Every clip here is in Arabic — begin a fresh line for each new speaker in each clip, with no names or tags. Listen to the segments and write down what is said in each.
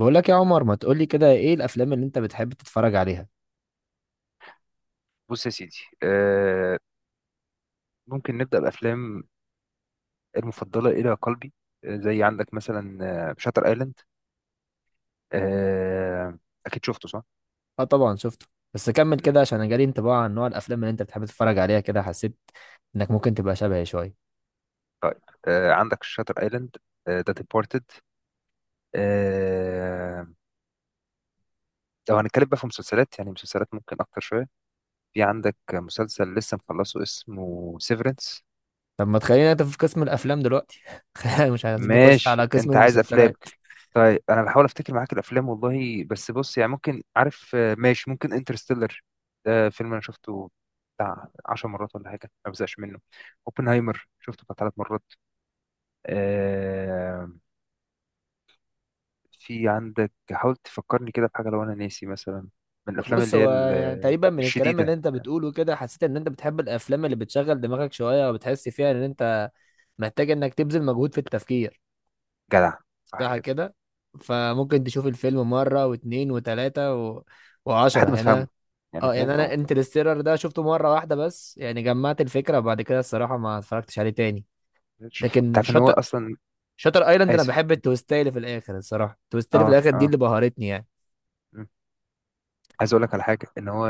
بقول لك يا عمر، ما تقول لي كده، ايه الافلام اللي انت بتحب تتفرج عليها؟
بص يا سيدي. آه ممكن نبدأ بأفلام المفضلة إلى قلبي. زي عندك مثلا شاتر ايلاند. آه، أكيد شفته صح؟
اه طبعا شفته. بس كمل
م.
كده عشان انا جالي انطباع عن نوع الافلام اللي انت بتحب تتفرج عليها، كده حسيت انك ممكن تبقى شبهي شويه.
عندك شاتر ايلاند، ذا ديبارتد. آه لو هنتكلم بقى في مسلسلات، يعني مسلسلات ممكن أكتر شوية، في عندك مسلسل لسه مخلصه اسمه سيفرنس.
طب ما تخلينا انت في قسم الافلام دلوقتي خلينا مش عايزين نخش على
ماشي،
قسم
انت عايز افلام.
المسلسلات.
طيب، انا بحاول افتكر معاك الافلام والله، بس بص يعني ممكن عارف، ماشي، ممكن انترستيلر. ده فيلم انا شفته بتاع 10 مرات ولا حاجه، ما بزهقش منه. اوبنهايمر شفته بتاع ثلاث مرات. آه في عندك، حاول تفكرني كده بحاجه لو انا ناسي مثلا، من الافلام
بص،
اللي هي
هو يعني تقريبا من الكلام اللي
الشديده.
انت بتقوله كده حسيت ان انت بتحب الافلام اللي بتشغل دماغك شويه، وبتحس فيها ان انت محتاج انك تبذل مجهود في التفكير.
جدع، صح
صح
كده.
كده. فممكن تشوف الفيلم مرة واتنين وتلاتة و... وعشرة
لحد ما
يعني.
تفهمه يعني،
اه
فاهم؟
يعني انا
اه.
انترستيلر ده شفته مرة واحدة بس، يعني جمعت الفكرة وبعد كده الصراحة ما اتفرجتش عليه تاني.
انت
لكن
عارف ان هو
شاطر
اصلا،
شاطر ايلاند انا
اسف.
بحب التويستاية اللي في الاخر، الصراحة التويستاية اللي في
اه
الاخر دي
اه.
اللي بهرتني يعني.
عايز اقول لك على حاجه، ان هو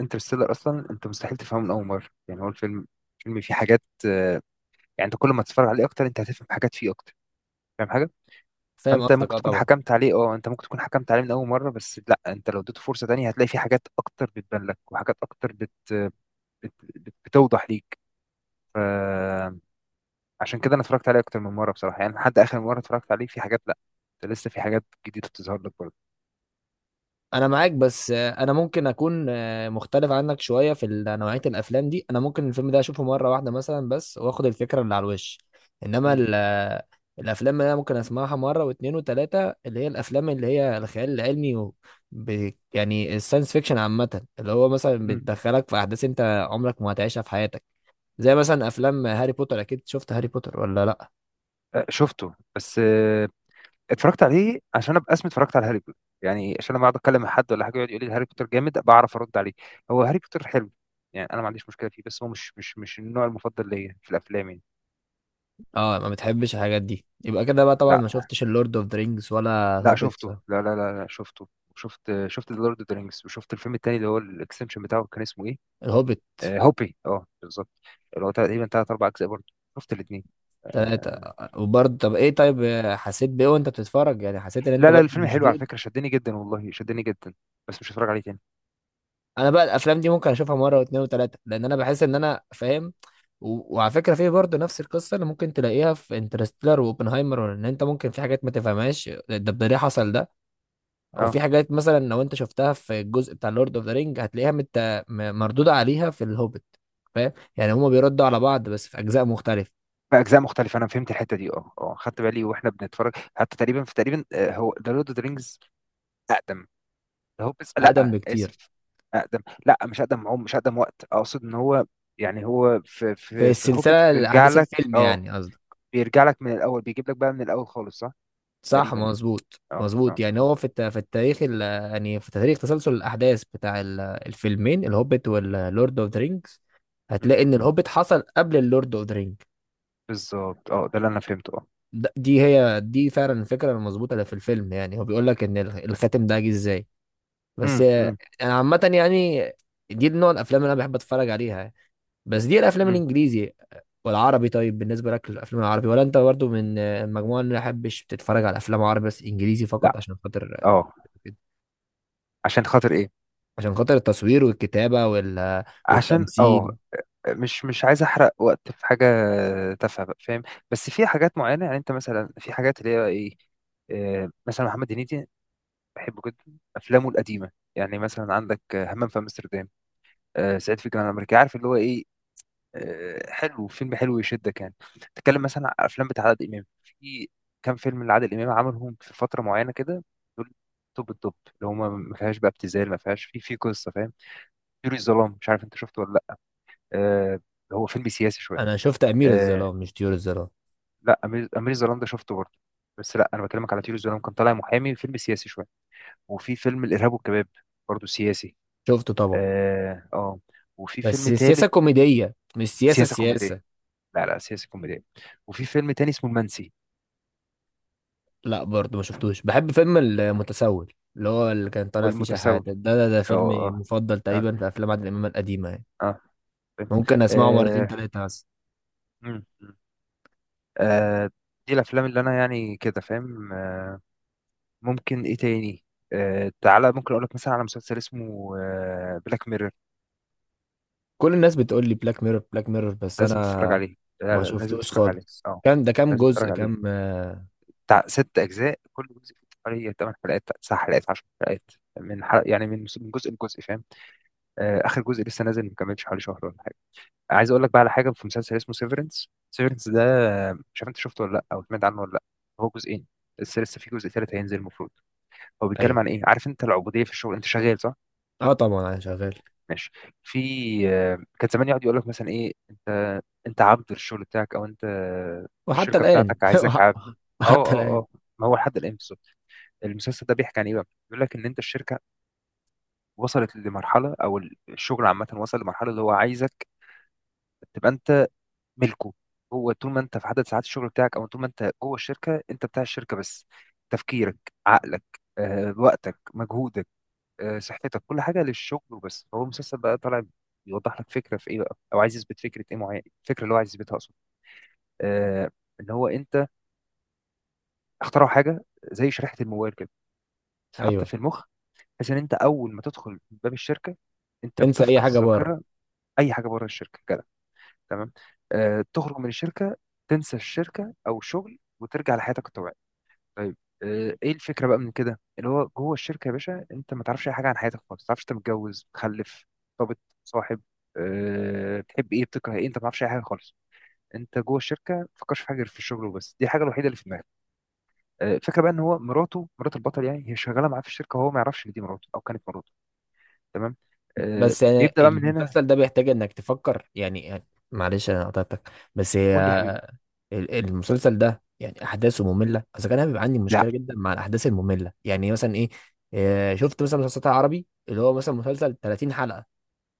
انترستيلر اصلا انت مستحيل تفهمه من اول مره، يعني هو الفيلم فيه حاجات، يعني انت كل ما تتفرج عليه اكتر، انت هتفهم حاجات فيه اكتر. فاهم حاجه؟
فاهم
فانت
قصدك،
ممكن
اه
تكون
طبعا.
حكمت عليه، اه انت ممكن تكون حكمت عليه من اول مره، بس لا، انت لو اديته فرصه تانية هتلاقي فيه حاجات اكتر بتبان لك، وحاجات اكتر بتوضح ليك. فعشان كده انا اتفرجت عليه اكتر من مره بصراحه، يعني لحد اخر مره اتفرجت عليه في حاجات، لا ده لسه في حاجات جديده بتظهر لك برضه.
انا معاك، بس انا ممكن اكون مختلف عنك شويه في نوعيه الافلام دي. انا ممكن الفيلم ده اشوفه مره واحده مثلا بس، واخد الفكره اللي على الوش. انما
مم.
الافلام اللي انا ممكن اسمعها مره واتنين وتلاته، اللي هي الافلام اللي هي الخيال العلمي يعني الساينس فيكشن عامه، اللي هو مثلا
مم.
بتدخلك في احداث انت عمرك ما هتعيشها في حياتك. زي مثلا افلام هاري بوتر. اكيد شفت هاري بوتر ولا لا؟
شفته، بس اتفرجت عليه عشان ابقى اسمي اتفرجت على هاري بوتر، يعني عشان لما اقعد اتكلم مع حد ولا حاجه يقعد يقول لي هاري بوتر جامد، بعرف ارد عليه. هو هاري بوتر حلو، يعني انا ما عنديش مشكله فيه، بس هو مش النوع المفضل ليا في الافلام يعني.
اه ما بتحبش الحاجات دي، يبقى كده بقى طبعا
لا.
ما شفتش اللورد اوف ذا رينجز ولا
لا
الهوبيت.
شفته، لا لا لا, لا شفته. شفت ذا لورد اوف ذا رينجز، وشفت الفيلم التاني اللي هو الاكستنشن بتاعه كان اسمه ايه؟
الهوبيت
آه هوبي، اه بالظبط. اللي هو تقريبا ثلاث اربع اجزاء برضه. شفت الاثنين.
تلاتة.
آه.
وبرضه طب ايه؟ طيب حسيت بايه وانت بتتفرج؟ يعني حسيت ان انت
لا لا،
برضه
الفيلم حلو على
مشدود؟
فكره، شدني جدا والله، شدني جدا، بس مش هتفرج عليه تاني.
انا بقى الافلام دي ممكن اشوفها مرة واتنين وتلاتة لان انا بحس ان انا فاهم. وعلى فكرة، في برضه نفس القصة اللي ممكن تلاقيها في انترستيلر واوبنهايمر، ان انت ممكن في حاجات ما تفهمهاش، ده ليه حصل ده. وفي
اه،
حاجات مثلا لو انت شفتها في الجزء بتاع لورد اوف ذا رينج هتلاقيها مردودة عليها في الهوبيت. فاهم؟ يعني هما بيردوا على بعض بس في اجزاء مختلفة.
بأجزاء مختلفة. أنا فهمت الحتة دي، اه اه، خدت بالي واحنا بنتفرج. حتى تقريبا في تقريبا، هو ذا لورد اوف ذا رينجز أقدم، ده هو، بس
اقدم
لا
بكتير.
آسف. أقدم، لا مش أقدم عمر، مش أقدم وقت، أقصد إن هو يعني هو في
في
في في هوبت
السلسلة،
بيرجع
احداث
لك،
الفيلم
اه،
يعني قصدي.
بيرجع لك من الأول، بيجيب لك بقى من الأول خالص، صح.
صح
تقريبا يعني،
مظبوط
اه اه
مظبوط، يعني
اه.
هو في في التاريخ يعني في تاريخ تسلسل الاحداث بتاع الفيلمين الهوبيت واللورد اوف ذا رينجز،
مم.
هتلاقي ان الهوبيت حصل قبل اللورد اوف ذا رينج.
بالظبط اه، ده اللي أنا فهمته اه.
دي هي، دي فعلا الفكره المظبوطه اللي في الفيلم، يعني هو بيقول لك ان الخاتم ده جه ازاي. بس
مم، مم،
انا عامه يعني دي نوع الافلام اللي انا بحب اتفرج عليها. بس دي الافلام
مم.
الانجليزي. والعربي؟ طيب بالنسبه لك الافلام العربي، ولا انت برضو من المجموعه اللي ما بحبش بتتفرج على افلام عربي بس انجليزي فقط
لا
عشان خاطر؟
اه. عشان خاطر إيه؟
عشان خاطر التصوير والكتابة
عشان
والتمثيل.
مش عايز احرق وقت في حاجه تافهه بقى، فاهم؟ بس في حاجات معينه، يعني انت مثلا في حاجات اللي هي ايه، مثلا محمد هنيدي بحبه جدا، افلامه القديمه يعني مثلا عندك همام في امستردام، صعيدي في الجامعه الامريكيه، عارف اللي هو ايه، حلو، فيلم حلو يشدك يعني. تتكلم مثلا عن افلام بتاع عادل امام، في كام فيلم لعادل امام عملهم في فتره معينه كده، دول توب التوب، اللي هما ما فيهاش بقى ابتذال، ما فيهاش في قصه، فاهم؟ طيور الظلام، مش عارف انت شفته ولا لا. آه، هو فيلم سياسي شويه.
انا شفت امير
آه،
الظلام مش طيور الظلام.
لا، امير الظلام ده شفته برضه، بس لا انا بكلمك على طيور الظلام، كان طالع محامي، فيلم سياسي شويه. وفي فيلم الارهاب والكباب برضه سياسي.
شفته طبعا.
اه اه. وفي فيلم
بس سياسة
تالت.
كوميدية، مش سياسة
سياسه كوميديه،
سياسة.
لا لا سياسه كوميديه. وفي فيلم تاني اسمه المنسي
لا برضه ما شفتوش. بحب فيلم المتسول اللي هو اللي كان طالع فيه
والمتسول.
شحاتة، ده
اه
فيلم
اه.
مفضل
اه
تقريبا في افلام عادل امام القديمة يعني.
اه. فاهم.
ممكن اسمعه مرتين
آه،
تلاتة بس.
مم، مم. آه، دي الافلام اللي انا يعني كده، فاهم. ممكن ايه تاني؟ تعالى، ممكن اقول لك مثلا على مسلسل اسمه بلاك ميرور.
كل الناس بتقول لي بلاك ميرور بلاك ميرور، بس انا
لازم تتفرج عليه. لا
ما
لا لازم
شفتوش
تتفرج عليه،
خالص.
اه
كان ده كام
لازم
جزء؟
تتفرج عليه.
كام آه،
بتاع ست أجزاء، كل جزء فيه حوالي 8 حلقات، 9 حلقات، 10 حلقات، من حلق يعني من جزء لجزء، فاهم؟ آه، آخر جزء لسه نازل، ما كملش حوالي شهر ولا حاجة. عايز أقول لك بقى على حاجة، في مسلسل اسمه سيفرنس، سيفرنس ده، مش عارف أنت شفته ولا لأ، أو سمعت عنه ولا لأ. هو جزئين، لسه في جزء تالت هينزل المفروض. هو بيتكلم
ايوه.
عن إيه، عارف أنت العبودية في الشغل؟ أنت شغال صح؟
اه طبعا انا شغال.
ماشي. في كان زمان يقعد يقول لك مثلا ايه، انت انت عبد للشغل بتاعك، او انت
وحتى
الشركه
الان
بتاعتك عايزاك عبد. اه
وحتى
اه
الان.
اه. ما هو لحد الان بالظبط، المسلسل ده بيحكي عن ايه بقى؟ بيقول لك ان انت الشركه وصلت لمرحله، او الشغل عامه وصل لمرحله اللي هو عايزك تبقى انت ملكه. هو طول ما انت في عدد ساعات الشغل بتاعك او طول ما انت جوه الشركه، انت بتاع الشركه بس. تفكيرك، عقلك، وقتك، مجهودك، صحتك، كل حاجه للشغل وبس. هو المسلسل بقى طالع بيوضح لك فكره في ايه بقى، او عايز يثبت فكره ايه معينه. الفكره اللي هو عايز يثبتها اصلا، آه ان هو انت، اخترعوا حاجه زي شريحه الموبايل كده تتحط
ايوه.
في المخ، بحيث ان انت اول ما تدخل من باب الشركه انت
تنسى اي
بتفقد
حاجه بره.
الذاكره. اي حاجه بره الشركه كده، تمام؟ تخرج من الشركه، تنسى الشركه او الشغل وترجع لحياتك الطبيعيه. طيب، ايه الفكره بقى من كده؟ اللي هو جوه الشركه يا باشا، انت ما تعرفش اي حاجه عن حياتك خالص، ما تعرفش انت متجوز، مخلف، مرتبط، صاحب، بتحب ايه بتكره ايه، انت ما تعرفش اي حاجه خالص. انت جوه الشركه ما تفكرش في حاجه غير في الشغل وبس، دي الحاجه الوحيده اللي في دماغك. الفكره بقى ان هو مراته، مرات البطل يعني، هي شغاله معاه في الشركه وهو ما يعرفش ان دي مراته او كانت مراته. تمام.
بس يعني
بيبدا بقى من هنا.
المسلسل ده بيحتاج انك تفكر، يعني معلش انا قطعتك. بس هي
قول لي يا حبيبي.
المسلسل ده يعني احداثه ممله اذا كان. انا بيبقى عندي
لا
مشكله جدا مع الاحداث الممله. يعني مثلا ايه؟ شفت مثلا مسلسلات عربي، اللي هو مثلا مسلسل 30 حلقه،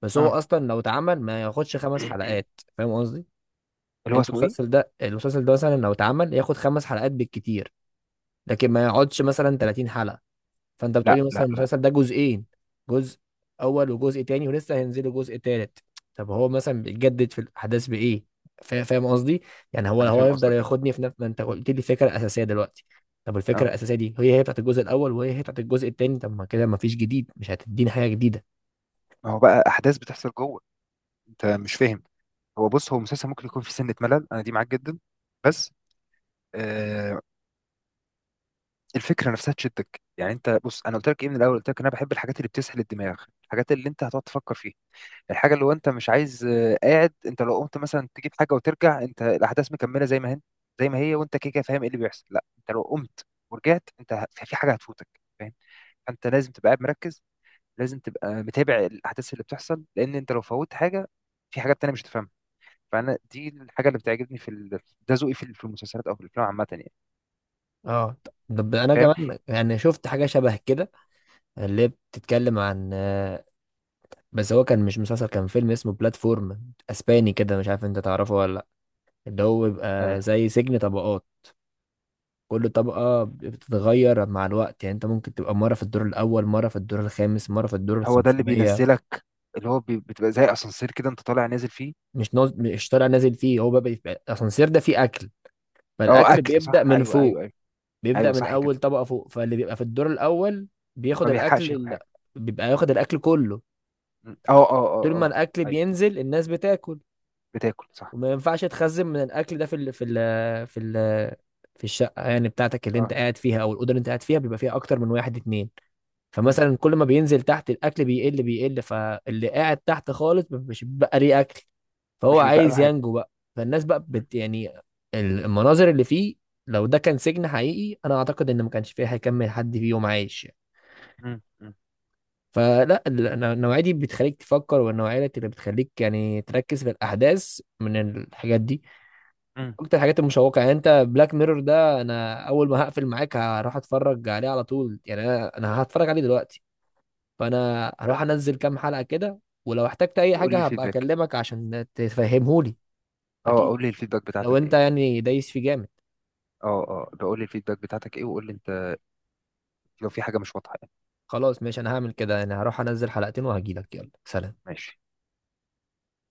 بس هو
اه.
اصلا لو اتعمل ما ياخدش 5 حلقات. فاهم قصدي؟
اللي هو
انت
اسمه
المسلسل
ايه؟
ده، مثلا لو اتعمل ياخد 5 حلقات بالكتير، لكن ما يقعدش مثلا 30 حلقه. فانت
لا
بتقولي
لا
مثلا
لا،
المسلسل ده جزئين، جزء اول وجزء تاني ولسه هينزلوا جزء تالت. طب هو مثلا بيتجدد في الاحداث بايه؟ فاهم قصدي؟ يعني هو
انا
هو
فاهم
يفضل
قصدك كده.
ياخدني في نفس ما انت قلت لي فكره اساسيه دلوقتي. طب الفكره
اه.
الاساسيه دي هي هي بتاعت الجزء الاول، وهي هي بتاعت الجزء التاني. طب ما كده ما فيش جديد، مش هتديني حاجه جديده.
ما هو بقى احداث بتحصل جوه، انت مش فاهم. هو بص، هو مسلسل ممكن يكون فيه سنة ملل، أنا دي معاك جدا. بس آه، الفكرة نفسها تشدك يعني. أنت بص، أنا قلت لك إيه من الأول؟ قلت لك أنا بحب الحاجات اللي بتسحل الدماغ، الحاجات اللي أنت هتقعد تفكر فيها. الحاجة اللي هو أنت مش عايز، آه، قاعد أنت لو قمت مثلا تجيب حاجة وترجع، أنت الأحداث مكملة زي ما هي، زي ما هي، وأنت كده كده فاهم إيه اللي بيحصل. لا، أنت لو قمت ورجعت أنت، في في حاجة هتفوتك، فاهم؟ فأنت لازم تبقى قاعد مركز، لازم تبقى متابع الأحداث اللي بتحصل، لأن أنت لو فوت حاجة في حاجات تانية مش هتفهمها. فانا دي الحاجه اللي بتعجبني في ده ذوقي في في المسلسلات او في الافلام عامه يعني.
اه طب انا
فاهم؟
كمان يعني شفت حاجه شبه كده، اللي بتتكلم عن بس هو كان مش مسلسل، كان فيلم اسمه بلاتفورم اسباني كده. مش عارف انت تعرفه ولا لا؟ اللي هو
آه
بيبقى زي سجن طبقات. كل طبقة بتتغير مع الوقت، يعني انت ممكن تبقى مرة في الدور الأول، مرة في الدور الخامس، مرة في الدور
هو ده اللي
الخمسمية.
بينزلك، اللي هو بتبقى زي اسانسير كده انت طالع نازل فيه.
مش طالع نازل فيه. هو بقى الأسانسير ده فيه أكل،
اه
فالأكل
اكل،
بيبدأ
صح
من
ايوه ايوه
فوق.
ايوه.
بيبدأ
ايوه
من
صح
أول
كده.
طبقة فوق، فاللي بيبقى في الدور الأول بياخد
ما
الأكل
بيلحقش ياكل حاجه.
بيبقى ياخد الأكل كله.
م. اه اه اه
طول ما
اه.
الأكل
ايوه
بينزل الناس بتاكل.
بتاكل صح
وما ينفعش تخزن من الأكل ده في في ال... في الشقة يعني بتاعتك اللي انت
اه.
قاعد فيها، أو الأوضة اللي انت قاعد فيها بيبقى فيها أكتر من واحد اتنين.
م.
فمثلا كل ما بينزل تحت، الاكل بيقل بيقل، فاللي قاعد تحت خالص مش بقى ليه اكل. فهو
مش بيبقى له
عايز
حاجه.
ينجو بقى. فالناس بقى
م.
يعني المناظر اللي فيه، لو ده كان سجن حقيقي انا اعتقد ان ما كانش فيه هيكمل حد فيهم عايش يعني.
م. م.
فلا النوعية دي بتخليك تفكر، والنوعية اللي بتخليك يعني تركز في الأحداث من الحاجات دي،
م.
أكتر الحاجات المشوقة. يعني أنت بلاك ميرور ده أنا أول ما هقفل معاك هروح أتفرج عليه على طول، يعني أنا هتفرج عليه دلوقتي. فانا هروح انزل كام حلقة كده، ولو احتجت اي
وقول لي
حاجة هبقى
الفيدباك.
اكلمك عشان تفهمهولي.
اه
اكيد
قول لي الفيدباك
لو
بتاعتك
انت
ايه.
يعني دايس في جامد.
اه اه، بقول لي الفيدباك بتاعتك ايه، وقول لي انت لو في حاجه مش واضحه يعني.
خلاص ماشي، انا هعمل كده يعني، هروح انزل حلقتين وهجيلك. يلا سلام.
ماشي.